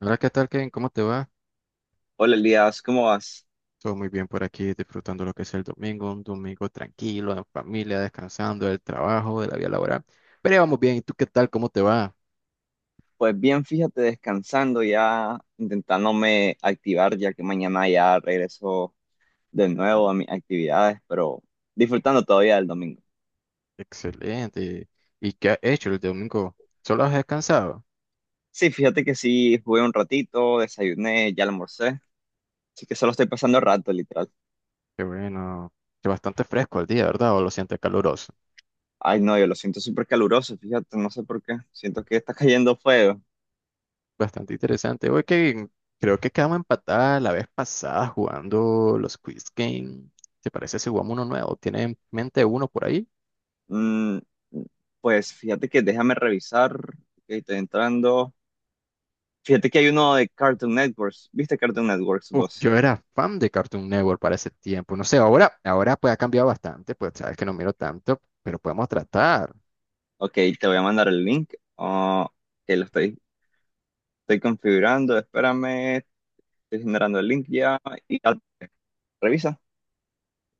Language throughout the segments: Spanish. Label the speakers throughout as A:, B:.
A: Hola, ¿qué tal, Ken? ¿Cómo te va?
B: Hola Elías, ¿cómo vas?
A: Todo muy bien por aquí, disfrutando lo que es el domingo, un domingo tranquilo, en familia, descansando del trabajo, de la vida laboral. Pero ya vamos bien, ¿y tú qué tal? ¿Cómo te va?
B: Pues bien, fíjate, descansando ya, intentándome activar ya que mañana ya regreso de nuevo a mis actividades, pero disfrutando todavía del domingo.
A: Excelente. ¿Y qué has hecho el domingo? ¿Solo has descansado?
B: Sí, fíjate que sí, jugué un ratito, desayuné, ya almorcé, así que solo estoy pasando el rato, literal.
A: Qué bueno, que bastante fresco el día, ¿verdad? ¿O lo sientes caluroso?
B: Ay, no, yo lo siento súper caluroso, fíjate, no sé por qué, siento que está cayendo fuego.
A: Bastante interesante. Oye, Kevin, creo que quedamos empatadas la vez pasada jugando los Quiz Game. ¿Te parece si jugamos uno nuevo? ¿Tienes en mente uno por ahí?
B: Mm, pues fíjate que déjame revisar, que estoy entrando. Fíjate que hay uno de Cartoon Networks, ¿viste Cartoon Networks
A: Uf,
B: dos?
A: yo era fan de Cartoon Network para ese tiempo. No sé, ahora pues ha cambiado bastante, pues sabes que no miro tanto, pero podemos tratar.
B: Ok, te voy a mandar el link. Ah, que lo estoy configurando. Espérame, estoy generando el link ya. Y ya, revisa.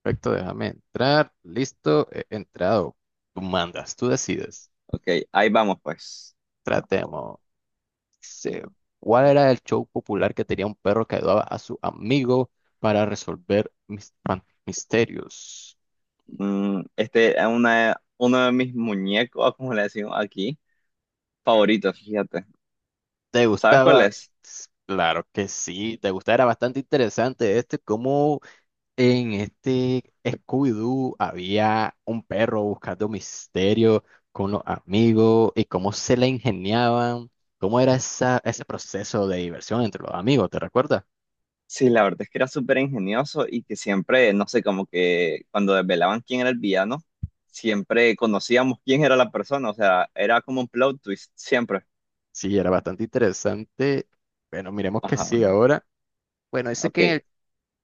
A: Perfecto, déjame entrar. Listo, he entrado. Tú mandas, tú decides.
B: Ok, ahí vamos pues.
A: Tratemos. Dice, ¿cuál era el show popular que tenía un perro que ayudaba a su amigo para resolver misterios?
B: Este es uno de mis muñecos, como le decimos aquí, favoritos, fíjate.
A: ¿Te
B: ¿Sabes cuál
A: gustaba?
B: es?
A: Claro que sí, te gustaba, era bastante interesante este, cómo en este Scooby-Doo había un perro buscando misterio con los amigos y cómo se le ingeniaban, cómo era esa, ese proceso de diversión entre los amigos, ¿te recuerdas?
B: Sí, la verdad es que era súper ingenioso y que siempre, no sé, como que cuando desvelaban quién era el villano, siempre conocíamos quién era la persona. O sea, era como un plot twist, siempre.
A: Sí, era bastante interesante. Bueno, miremos qué
B: Ajá,
A: sigue ahora. Bueno, dice
B: ok.
A: que en el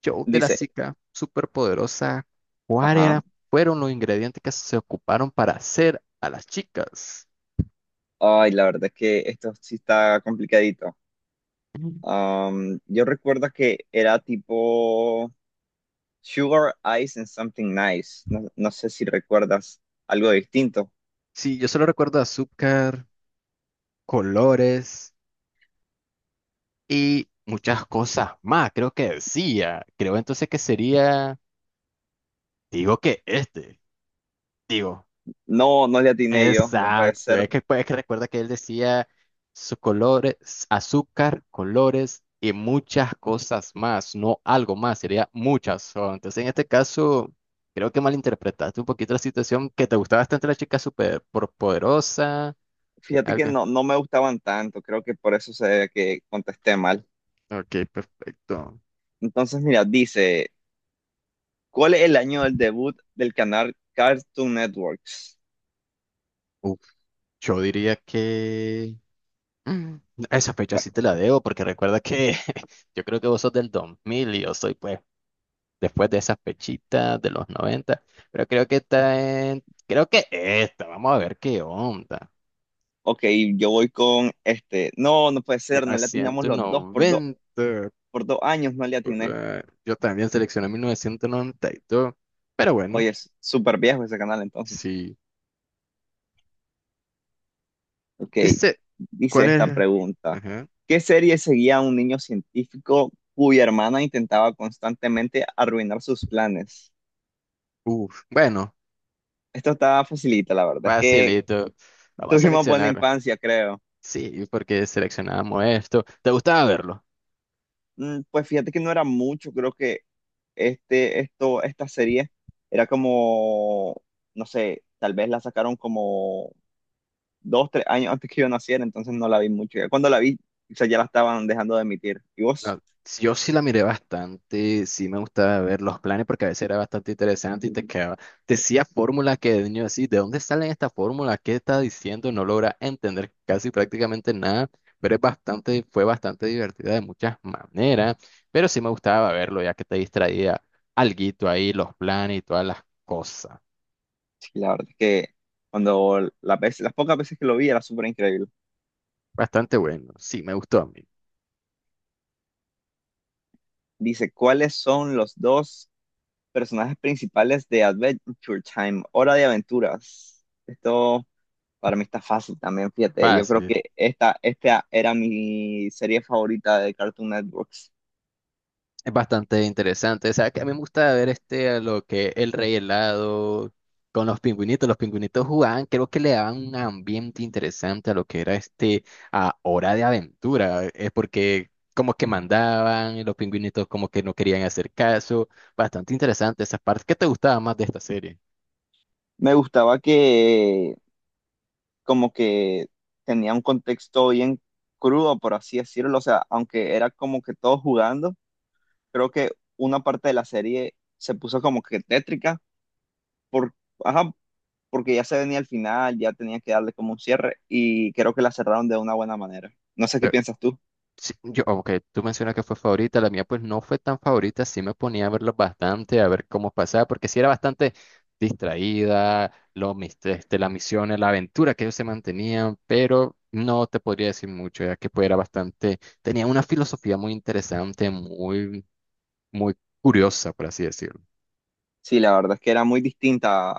A: show de la
B: Dice,
A: chica superpoderosa, ¿cuáles
B: ajá.
A: fueron los ingredientes que se ocuparon para hacer a las chicas?
B: Ay, la verdad es que esto sí está complicadito.
A: Mm.
B: Yo recuerdo que era tipo Sugar Ice and Something Nice. No, no sé si recuerdas algo distinto.
A: Sí, yo solo recuerdo azúcar, colores y muchas cosas más, creo que decía. Creo entonces que sería, digo que este, digo,
B: No, no le atiné yo, no puede
A: exacto.
B: ser.
A: Es que, pues, es que recuerda que él decía sus colores, azúcar, colores y muchas cosas más, no algo más, sería muchas. Son. Entonces, en este caso, creo que malinterpretaste un poquito la situación, que te gustaba bastante la chica súper poderosa,
B: Fíjate que
A: algo.
B: no, no me gustaban tanto, creo que por eso se ve que contesté mal.
A: Ok, perfecto.
B: Entonces, mira, dice, ¿cuál es el año del debut del canal Cartoon Networks?
A: Uf, yo diría que... Mm, Esa fecha
B: Bueno,
A: sí te la debo porque recuerda que yo creo que vos sos del 2000 y yo soy pues después de esas fechitas de los 90, pero creo que está en, creo que esta, vamos a ver qué onda.
B: ok, yo voy con este. No, no puede ser, no le atinamos los dos,
A: 1990,
B: por dos años, no le
A: por
B: atiné.
A: ahí. Yo también seleccioné 1992, pero bueno,
B: Oye, es súper viejo ese canal entonces.
A: sí.
B: Ok,
A: Dice,
B: dice
A: ¿cuál
B: esta
A: es?
B: pregunta.
A: Ajá.
B: ¿Qué serie seguía a un niño científico cuya hermana intentaba constantemente arruinar sus planes?
A: Uf, bueno,
B: Esto está facilita, la verdad. Es que
A: facilito. Vamos a
B: tuvimos buena
A: seleccionar.
B: infancia, creo.
A: Sí, porque seleccionamos esto. ¿Te gustaba verlo?
B: Pues fíjate que no era mucho, creo que esta serie era como, no sé, tal vez la sacaron como dos, tres años antes que yo naciera, entonces no la vi mucho. Ya cuando la vi, o sea, ya la estaban dejando de emitir. ¿Y vos?
A: No, sí, yo sí la miré bastante, sí me gustaba ver los planes porque a veces era bastante interesante y te quedaba, te decía fórmulas que de niño así, ¿de dónde salen estas fórmulas? ¿Qué está diciendo? No logra entender casi prácticamente nada, pero es bastante, fue bastante divertida de muchas maneras, pero sí me gustaba verlo ya que te distraía alguito ahí, los planes y todas las cosas.
B: Y la verdad es que cuando las pocas veces que lo vi era súper increíble.
A: Bastante bueno, sí me gustó a mí.
B: Dice, ¿cuáles son los dos personajes principales de Adventure Time? Hora de aventuras. Esto para mí está fácil también, fíjate. Yo creo
A: Fácil.
B: que esta era mi serie favorita de Cartoon Networks.
A: Es bastante interesante. O sea, que a mí me gusta ver este, a lo que el rey helado con los pingüinitos. Los pingüinitos jugaban, creo que le daban un ambiente interesante a lo que era este, a Hora de Aventura. Es porque como que mandaban y los pingüinitos como que no querían hacer caso. Bastante interesante esas partes. ¿Qué te gustaba más de esta serie?
B: Me gustaba que como que tenía un contexto bien crudo, por así decirlo. O sea, aunque era como que todos jugando, creo que una parte de la serie se puso como que tétrica por, ajá, porque ya se venía al final, ya tenía que darle como un cierre y creo que la cerraron de una buena manera. No sé qué piensas tú.
A: Sí, yo, ok, tú mencionas que fue favorita, la mía pues no fue tan favorita, sí me ponía a verlo bastante, a ver cómo pasaba, porque sí era bastante distraída, lo, este, las misiones, la aventura que ellos se mantenían, pero no te podría decir mucho, ya que pues era bastante, tenía una filosofía muy interesante, muy, muy curiosa, por así decirlo.
B: Sí, la verdad es que era muy distinta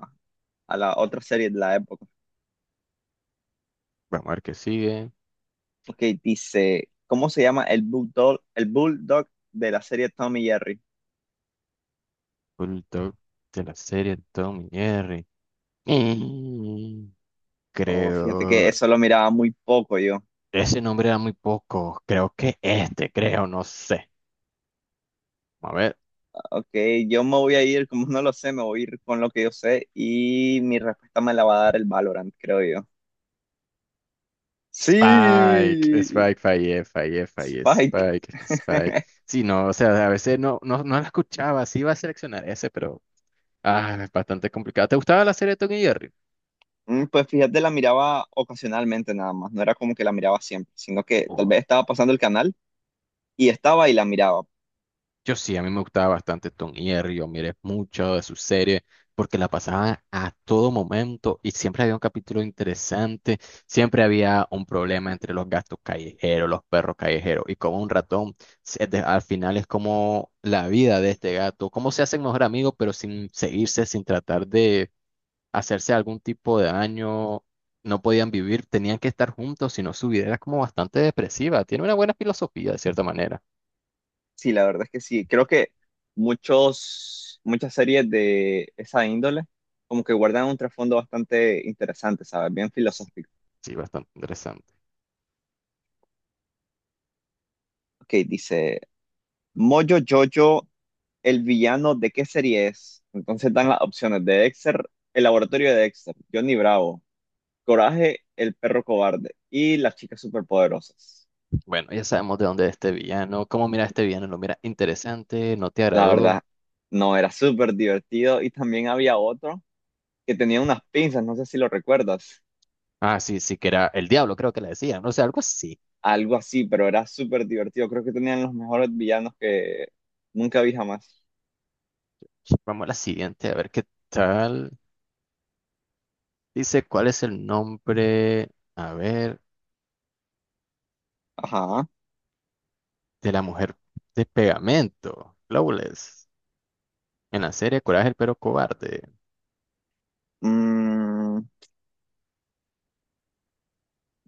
B: a la otra serie de la época.
A: Vamos a ver qué sigue.
B: Porque dice, ¿cómo se llama el bulldog de la serie Tom y Jerry?
A: Bulldog de la serie Tom y Jerry. Mm,
B: Oh, fíjate que
A: Creo.
B: eso lo miraba muy poco yo.
A: Ese nombre era muy poco. Creo que este, creo, no sé. A ver.
B: Ok, yo me voy a ir, como no lo sé, me voy a ir con lo que yo sé y mi respuesta me la va a dar el Valorant, creo yo.
A: Spike,
B: Sí,
A: Spike, fallé, fallé, fallé,
B: Spike.
A: Spike, Spike. Sí, no, o sea, a veces no, no, no la escuchaba, sí iba a seleccionar ese, pero ah, es bastante complicado. ¿Te gustaba la serie de Tom y Jerry?
B: Pues fíjate, la miraba ocasionalmente nada más, no era como que la miraba siempre, sino que tal
A: Oh,
B: vez estaba pasando el canal y estaba y la miraba.
A: yo sí, a mí me gustaba bastante Tom y Jerry, yo miré mucho de su serie porque la pasaban a todo momento y siempre había un capítulo interesante, siempre había un problema entre los gatos callejeros, los perros callejeros y como un ratón, al final es como la vida de este gato, cómo se hacen mejor amigos pero sin seguirse, sin tratar de hacerse algún tipo de daño, no podían vivir, tenían que estar juntos, si no su vida era como bastante depresiva, tiene una buena filosofía de cierta manera.
B: Sí, la verdad es que sí, creo que muchas series de esa índole como que guardan un trasfondo bastante interesante, ¿sabes? Bien filosófico.
A: Sí, bastante interesante.
B: Ok, dice, Moyo Jojo, el villano, ¿de qué serie es? Entonces dan las opciones de Dexter, el laboratorio de Dexter, Johnny Bravo, Coraje, el perro cobarde y las chicas superpoderosas.
A: Bueno, ya sabemos de dónde es este villano. ¿Cómo mira este villano? ¿Lo mira interesante? ¿No te
B: La
A: agradó?
B: verdad, no, era súper divertido y también había otro que tenía unas pinzas, no sé si lo recuerdas,
A: Ah, sí, sí, que era el diablo, creo que le decían. No sé, algo así.
B: algo así, pero era súper divertido. Creo que tenían los mejores villanos que nunca vi jamás.
A: Vamos a la siguiente, a ver qué tal. Dice, ¿cuál es el nombre, a ver,
B: Ajá.
A: de la mujer de pegamento? Flawless. En la serie Coraje el Perro Cobarde.
B: Mm,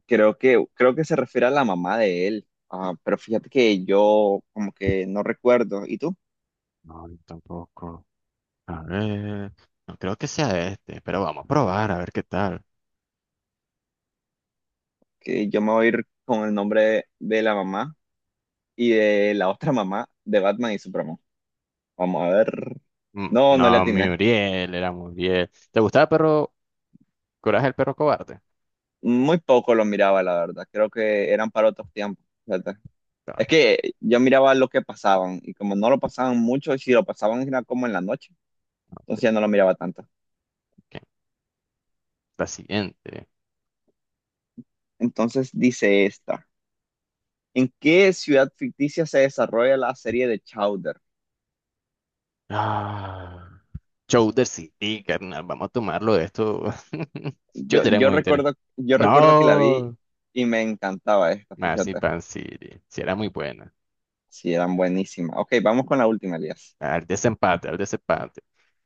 B: creo que se refiere a la mamá de él. Ah, pero fíjate que yo como que no recuerdo. ¿Y tú?
A: No, yo tampoco. A ver, no creo que sea este, pero vamos a probar, a ver qué tal.
B: Que yo me voy a ir con el nombre de la mamá y de la otra mamá de Batman y Superman. Vamos a ver. No, no le
A: No,
B: atiné.
A: Muriel, era Muriel. ¿Te gustaba el perro Coraje el Perro Cobarde?
B: Muy poco lo miraba, la verdad. Creo que eran para otros tiempos, fíjate. Es
A: Ok.
B: que yo miraba lo que pasaban y como no lo pasaban mucho, y si lo pasaban era como en la noche, entonces
A: Ok,
B: ya no lo miraba tanto.
A: ok. La siguiente.
B: Entonces dice esta, ¿en qué ciudad ficticia se desarrolla la serie de Chowder?
A: Ah, Chowder City, carnal. Vamos a tomarlo de esto. Yo
B: Yo,
A: diré
B: yo
A: muy interesante.
B: recuerdo, yo recuerdo que la vi
A: No.
B: y me encantaba esta, fíjate.
A: Marzipan City. Si era muy buena.
B: Sí, eran buenísimas. Ok, vamos con la última, Elías.
A: Al desempate, al desempate.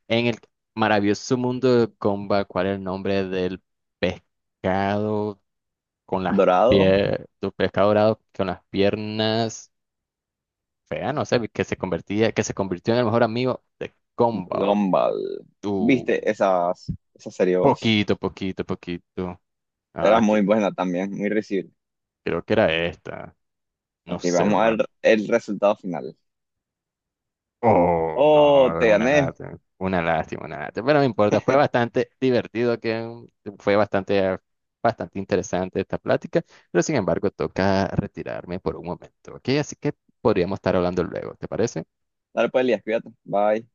A: En el maravilloso mundo de Comba, ¿cuál es el nombre del pescado con las
B: Dorado,
A: piernas, pescado dorado con las piernas feas? No sé, que se convertía, que se convirtió en el mejor amigo de Comba.
B: Gumball. ¿Viste esa serie vos?
A: Poquito, poquito, poquito. Ah,
B: Era
A: que,
B: muy buena también.
A: creo que era esta. No
B: Ok,
A: sé,
B: vamos a
A: vamos a ver.
B: ver el resultado final.
A: Oh, no,
B: Oh, te
A: una
B: gané.
A: lástima. Una lástima, una lástima. Pero no importa, fue bastante divertido, que fue bastante, bastante interesante esta plática. Pero sin embargo, toca retirarme por un momento, ¿ok? Así que podríamos estar hablando luego, ¿te parece?
B: Dale pues, Elías, cuídate. Bye.